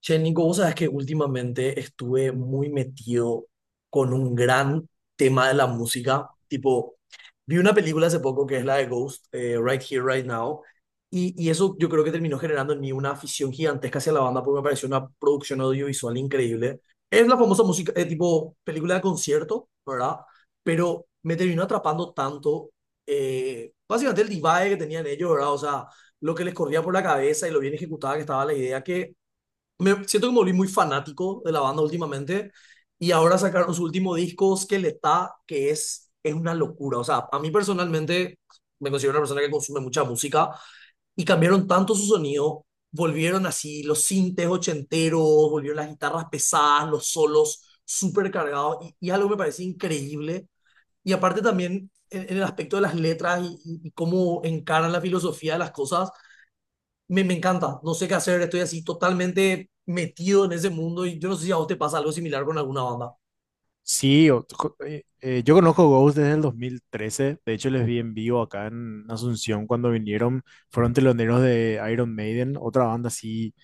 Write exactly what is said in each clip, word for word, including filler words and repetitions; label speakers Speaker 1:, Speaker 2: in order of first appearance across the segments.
Speaker 1: Che, Nico, vos sabés que últimamente estuve muy metido con un gran tema de la música. Tipo, vi una película hace poco que es la de Ghost, eh, Right Here, Right Now. Y, y eso yo creo que terminó generando en mí una afición gigantesca hacia la banda porque me pareció una producción audiovisual increíble. Es la famosa música, eh, tipo, película de concierto, ¿verdad? Pero me terminó atrapando tanto, eh, básicamente el divague que tenían ellos, ¿verdad? O sea, lo que les corría por la cabeza y lo bien ejecutada que estaba la idea que me siento que me volví muy fanático de la banda últimamente y ahora sacaron su último disco, Skeletal, que es, es una locura. O sea, a mí personalmente me considero una persona que consume mucha música y cambiaron tanto su sonido, volvieron así los sintes ochenteros, volvieron las guitarras pesadas, los solos súper cargados y, y algo que me parece increíble. Y aparte también en, en el aspecto de las letras y, y- y cómo encaran la filosofía de las cosas me, me encanta, no sé qué hacer, estoy así totalmente metido en ese mundo y yo no sé si a vos te pasa algo similar con alguna banda.
Speaker 2: Sí, o- co- eh, eh, yo conozco Ghost desde el dos mil trece. De hecho, les vi en vivo acá en Asunción cuando vinieron. Fueron teloneros de Iron Maiden, otra banda así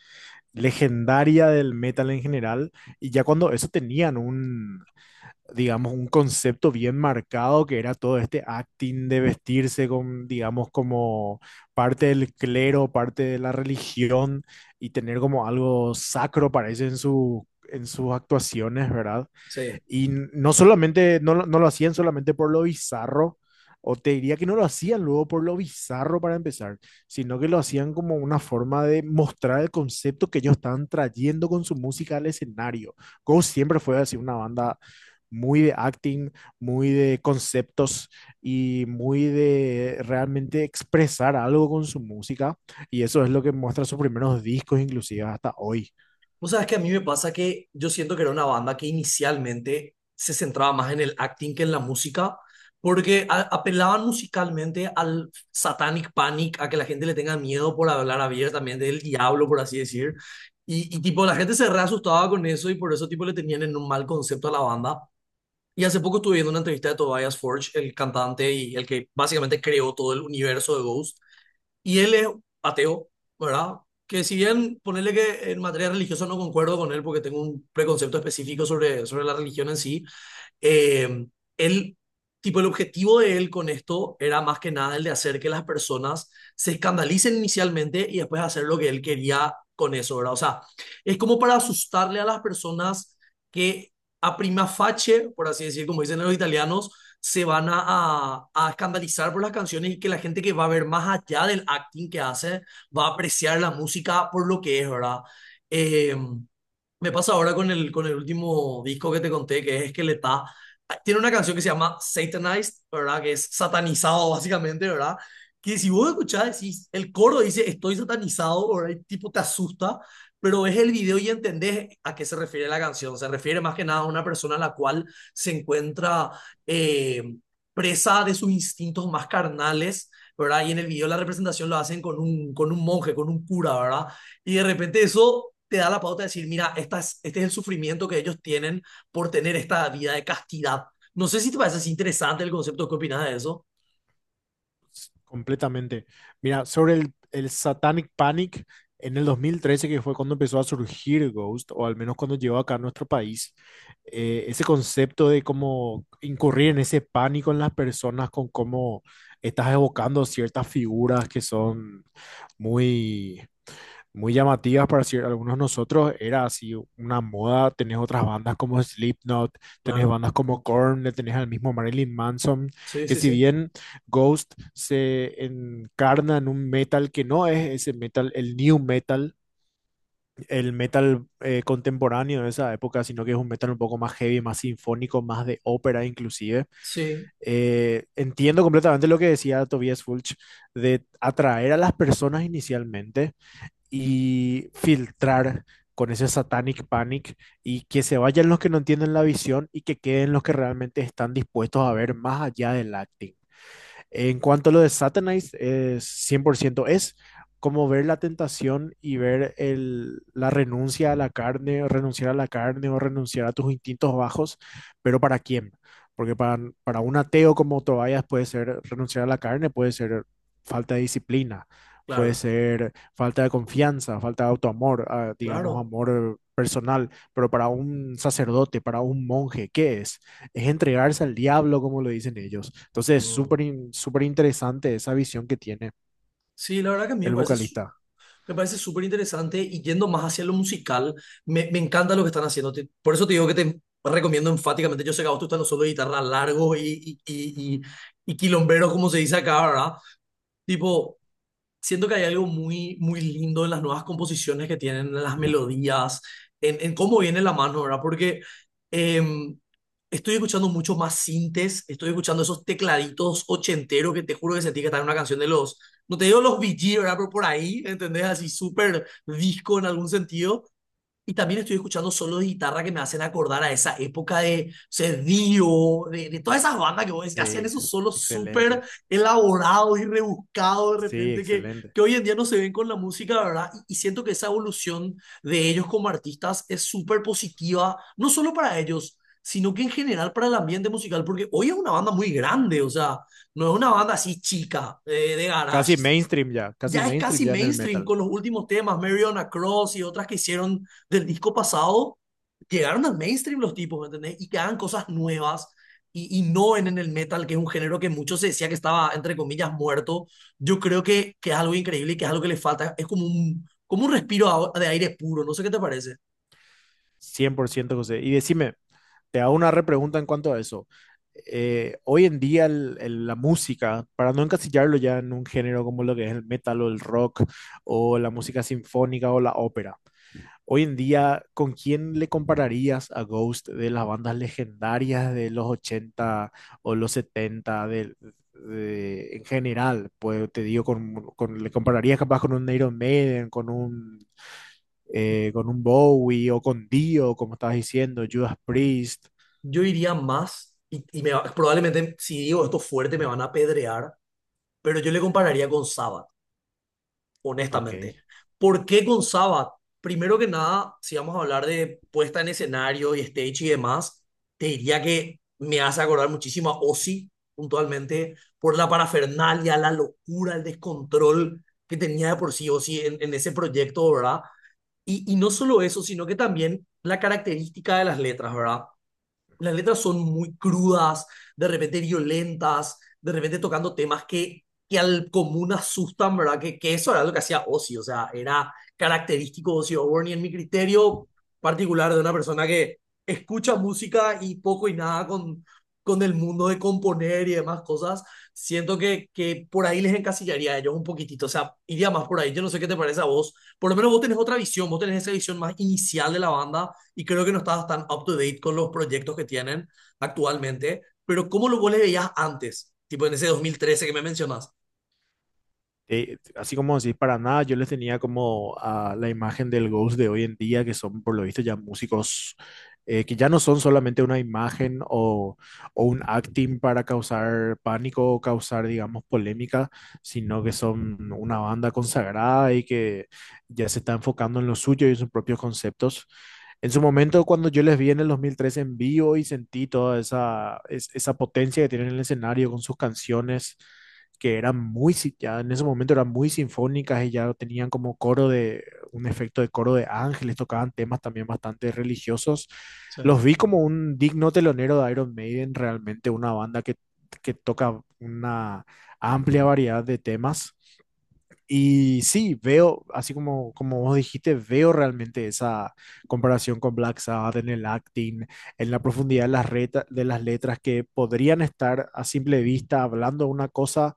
Speaker 2: legendaria del metal en general. Y ya cuando eso tenían un, digamos, un concepto bien marcado que era todo este acting de vestirse con, digamos, como parte del clero, parte de la religión y tener como algo sacro, parece, en su, en sus actuaciones, ¿verdad?
Speaker 1: Sí.
Speaker 2: Y no solamente, no, lo- no lo hacían solamente por lo bizarro, o te diría que no lo hacían luego por lo bizarro para empezar, sino que lo hacían como una forma de mostrar el concepto que ellos estaban trayendo con su música al escenario. Ghost siempre fue así una banda muy de acting, muy de conceptos y muy de realmente expresar algo con su música. Y eso es lo que muestra sus primeros discos, inclusive hasta hoy.
Speaker 1: Vos sabés que a mí me pasa que yo siento que era una banda que inicialmente se centraba más en el acting que en la música, porque a- apelaban musicalmente al satanic panic, a que la gente le tenga miedo por hablar abiertamente del diablo, por así decir. Y, y tipo, la gente se re asustaba con eso y por eso tipo le tenían en un mal concepto a la banda. Y hace poco estuve viendo una entrevista de Tobias Forge, el cantante y el que básicamente creó todo el universo de Ghost. Y él es ateo, ¿verdad? Que si bien ponerle que en materia religiosa no concuerdo con él porque tengo un preconcepto específico sobre, sobre la religión en sí, eh, él, tipo, el objetivo de él con esto era más que nada el de hacer que las personas se escandalicen inicialmente y después hacer lo que él quería con eso, ¿verdad? O sea, es como para asustarle a las personas que a prima facie, por así decir, como dicen los italianos, se van a, a, a escandalizar por las canciones y que la gente que va a ver más allá del acting que hace va a apreciar la música por lo que es, ¿verdad? Em, Me pasa ahora con el, con el último disco que te conté, que es que le está... Tiene una canción que se llama Satanized, ¿verdad? Que es satanizado, básicamente, ¿verdad? Que si vos escuchás, decís, el coro dice, estoy satanizado, ¿verdad? Y tipo te asusta, pero ves el video y entendés a qué se refiere la canción. Se refiere más que nada a una persona a la cual se encuentra eh, presa de sus instintos más carnales, ¿verdad? Y en el video la representación lo hacen con un, con un monje, con un cura, ¿verdad? Y de repente eso te da la pauta de decir, mira, esta es- este es el sufrimiento que ellos tienen por tener esta vida de castidad. No sé si te parece así interesante el concepto, ¿qué opinas de eso?
Speaker 2: Completamente. Mira, sobre el, el Satanic Panic en el dos mil trece, que fue cuando empezó a surgir Ghost, o al menos cuando llegó acá a nuestro país, eh, ese concepto de cómo incurrir en ese pánico en las personas con cómo estás evocando ciertas figuras que son muy, muy llamativas para cier- algunos nosotros, era así una moda. Tenés otras bandas como Slipknot, tenés
Speaker 1: Claro,
Speaker 2: bandas como Korn, le tenés al mismo Marilyn Manson,
Speaker 1: sí,
Speaker 2: que
Speaker 1: sí,
Speaker 2: si
Speaker 1: sí,
Speaker 2: bien Ghost se encarna en un metal que no es ese metal, el new metal, el metal eh, contemporáneo de esa época, sino que es un metal un poco más heavy, más sinfónico, más de ópera inclusive.
Speaker 1: sí,
Speaker 2: Eh, entiendo completamente lo que decía Tobias Fulch, de atraer a las personas inicialmente y filtrar con ese satanic panic, y que se vayan los que no entienden la visión y que queden los que realmente están dispuestos a ver más allá del acting. En cuanto a lo de Satanize, es cien por ciento es como ver la tentación y ver el, la renuncia a la carne, o renunciar a la carne o renunciar a tus instintos bajos, pero ¿para quién? Porque para, para un ateo como Tobias puede ser renunciar a la carne, puede ser falta de disciplina, puede
Speaker 1: claro,
Speaker 2: ser falta de confianza, falta de autoamor, ah, digamos
Speaker 1: claro.
Speaker 2: amor eh, personal, pero para un sacerdote, para un monje, ¿qué es? Es entregarse al diablo, como lo dicen ellos. Entonces es
Speaker 1: Mm.
Speaker 2: súper in- súper interesante esa visión que tiene
Speaker 1: Sí, la verdad que a mí me
Speaker 2: el
Speaker 1: parece, su-
Speaker 2: vocalista.
Speaker 1: me parece súper interesante y yendo más hacia lo musical, me, me encanta lo que están haciendo. Te- por eso te digo que te recomiendo enfáticamente, yo sé que a vos te gustan los solos de guitarra largos y, y, y, y, y quilomberos, como se dice acá, ¿verdad? Tipo... Siento que hay algo muy, muy lindo en las nuevas composiciones que tienen, en las melodías, en, en cómo viene la mano, ¿verdad? Porque em, estoy escuchando mucho más sintes, estoy escuchando esos tecladitos ochenteros que te juro que sentí que estaba en una canción de los, no te digo los Bee Gees, ¿verdad? Pero por ahí, ¿entendés? Así súper disco en algún sentido. Y también estoy escuchando solos de guitarra que me hacen acordar a esa época de, o sea, Dio, de, de todas esas bandas que vos decís, que hacían
Speaker 2: Sí,
Speaker 1: esos solos súper
Speaker 2: excelente.
Speaker 1: elaborados y rebuscados de
Speaker 2: Sí,
Speaker 1: repente que,
Speaker 2: excelente.
Speaker 1: que hoy en día no se ven con la música, ¿verdad? Y, y siento que esa evolución de ellos como artistas es súper positiva, no solo para ellos, sino que en general para el ambiente musical, porque hoy es una banda muy grande, o sea, no es una banda así chica, eh, de garage
Speaker 2: Casi mainstream ya, casi
Speaker 1: ya es
Speaker 2: mainstream
Speaker 1: casi
Speaker 2: ya en el
Speaker 1: mainstream
Speaker 2: metal.
Speaker 1: con los últimos temas, Mary on a Cross y otras que hicieron del disco pasado, llegaron al mainstream los tipos, ¿me entendés? Y que hagan cosas nuevas y, y no en, en el metal, que es un género que muchos se decía que estaba, entre comillas, muerto. Yo creo que, que es algo increíble y que es algo que le falta. Es como un, como un respiro de aire puro, no sé qué te parece.
Speaker 2: Cien por ciento, José. Y decime, te hago una repregunta en cuanto a eso. Eh, hoy en día el- el- la música, para no encasillarlo ya en un género como lo que es el metal o el rock o la música sinfónica o la ópera, hoy en día, ¿con quién le compararías a Ghost de las bandas legendarias de los ochenta o los setenta, de, de- en general? Pues te digo, con, con- le compararías capaz con un Iron Maiden, con un, eh, con un Bowie o con Dio, como estabas diciendo, Judas Priest.
Speaker 1: Yo iría más, y, y me probablemente si digo esto fuerte me van a apedrear, pero yo le compararía con Sabbath.
Speaker 2: Ok.
Speaker 1: Honestamente. ¿Por qué con Sabbath? Primero que nada, si vamos a hablar de puesta en escenario y stage y demás, te diría que me hace acordar muchísimo a Ozzy, puntualmente, por la parafernalia, la locura, el descontrol que tenía de por sí Ozzy en, en ese proyecto, ¿verdad? Y, y no solo eso, sino que también la característica de las letras, ¿verdad? Las letras son muy crudas, de repente violentas, de repente tocando temas que, que al común asustan, ¿verdad? Que, que eso era lo que hacía Ozzy, o sea, era característico de Ozzy Osbourne y en mi criterio particular de una persona que escucha música y poco y nada con, con el mundo de componer y demás cosas, siento que, que por ahí les encasillaría a ellos un poquitito, o sea, iría más por ahí, yo no sé qué te parece a vos, por lo menos vos tenés otra visión, vos tenés esa visión más inicial de la banda y creo que no estabas tan up to date con los proyectos que tienen actualmente, pero ¿cómo lo vos le veías antes? Tipo en ese dos mil trece que me mencionas.
Speaker 2: eh, así como decís, para nada, yo les tenía como a la imagen del Ghost de hoy en día, que son por lo visto ya músicos, eh, que ya no son solamente una imagen o, o un acting para causar pánico o causar, digamos, polémica, sino que son una banda consagrada y que ya se está enfocando en lo suyo y en sus propios conceptos. En su momento, cuando yo les vi en el dos mil trece en vivo y sentí toda esa, es- esa potencia que tienen en el escenario con sus canciones, que eran muy, si- ya en ese momento eran muy sinfónicas y ya tenían como coro de, un efecto de coro de ángeles, tocaban temas también bastante religiosos.
Speaker 1: Sí.
Speaker 2: Los vi como un digno telonero de Iron Maiden, realmente una banda que, que toca una amplia variedad de temas. Y sí, veo, así como, como vos dijiste, veo realmente esa comparación con Black Sabbath en el acting, en la profundidad de las, reta- de las letras, que podrían estar a simple vista hablando una cosa,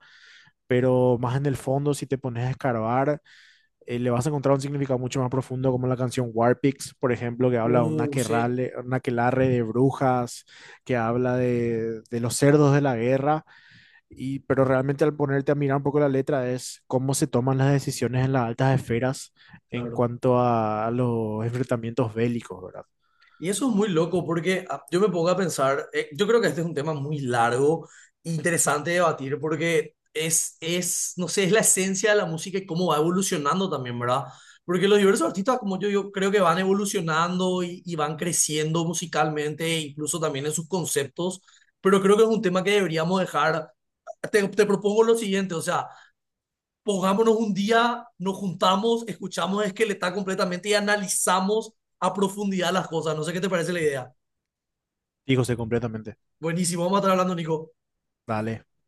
Speaker 2: pero más en el fondo, si te pones a escarbar, eh, le vas a encontrar un significado mucho más profundo, como la canción Warpix, por ejemplo, que habla de un
Speaker 1: Uh, sí,
Speaker 2: aquelarre, un aquelarre de brujas, que habla de, de los cerdos de la guerra y, pero realmente al ponerte a mirar un poco la letra, es cómo se toman las decisiones en las altas esferas en
Speaker 1: claro.
Speaker 2: cuanto a, a los enfrentamientos bélicos, ¿verdad?
Speaker 1: Y eso es muy loco porque ah, yo me pongo a pensar, eh, yo creo que este es un tema muy largo e interesante de debatir porque es, es, no sé, es la esencia de la música y cómo va evolucionando también, ¿verdad? Porque los diversos artistas, como yo, yo creo que van evolucionando y, y van creciendo musicalmente, e incluso también en sus conceptos, pero creo que es un tema que deberíamos dejar. Te, te propongo lo siguiente, o sea, pongámonos un día, nos juntamos, escuchamos Esqueleta completamente y analizamos a profundidad las cosas. No sé qué te parece la idea.
Speaker 2: Digo, sé completamente.
Speaker 1: Buenísimo, vamos a estar hablando, Nico.
Speaker 2: Dale.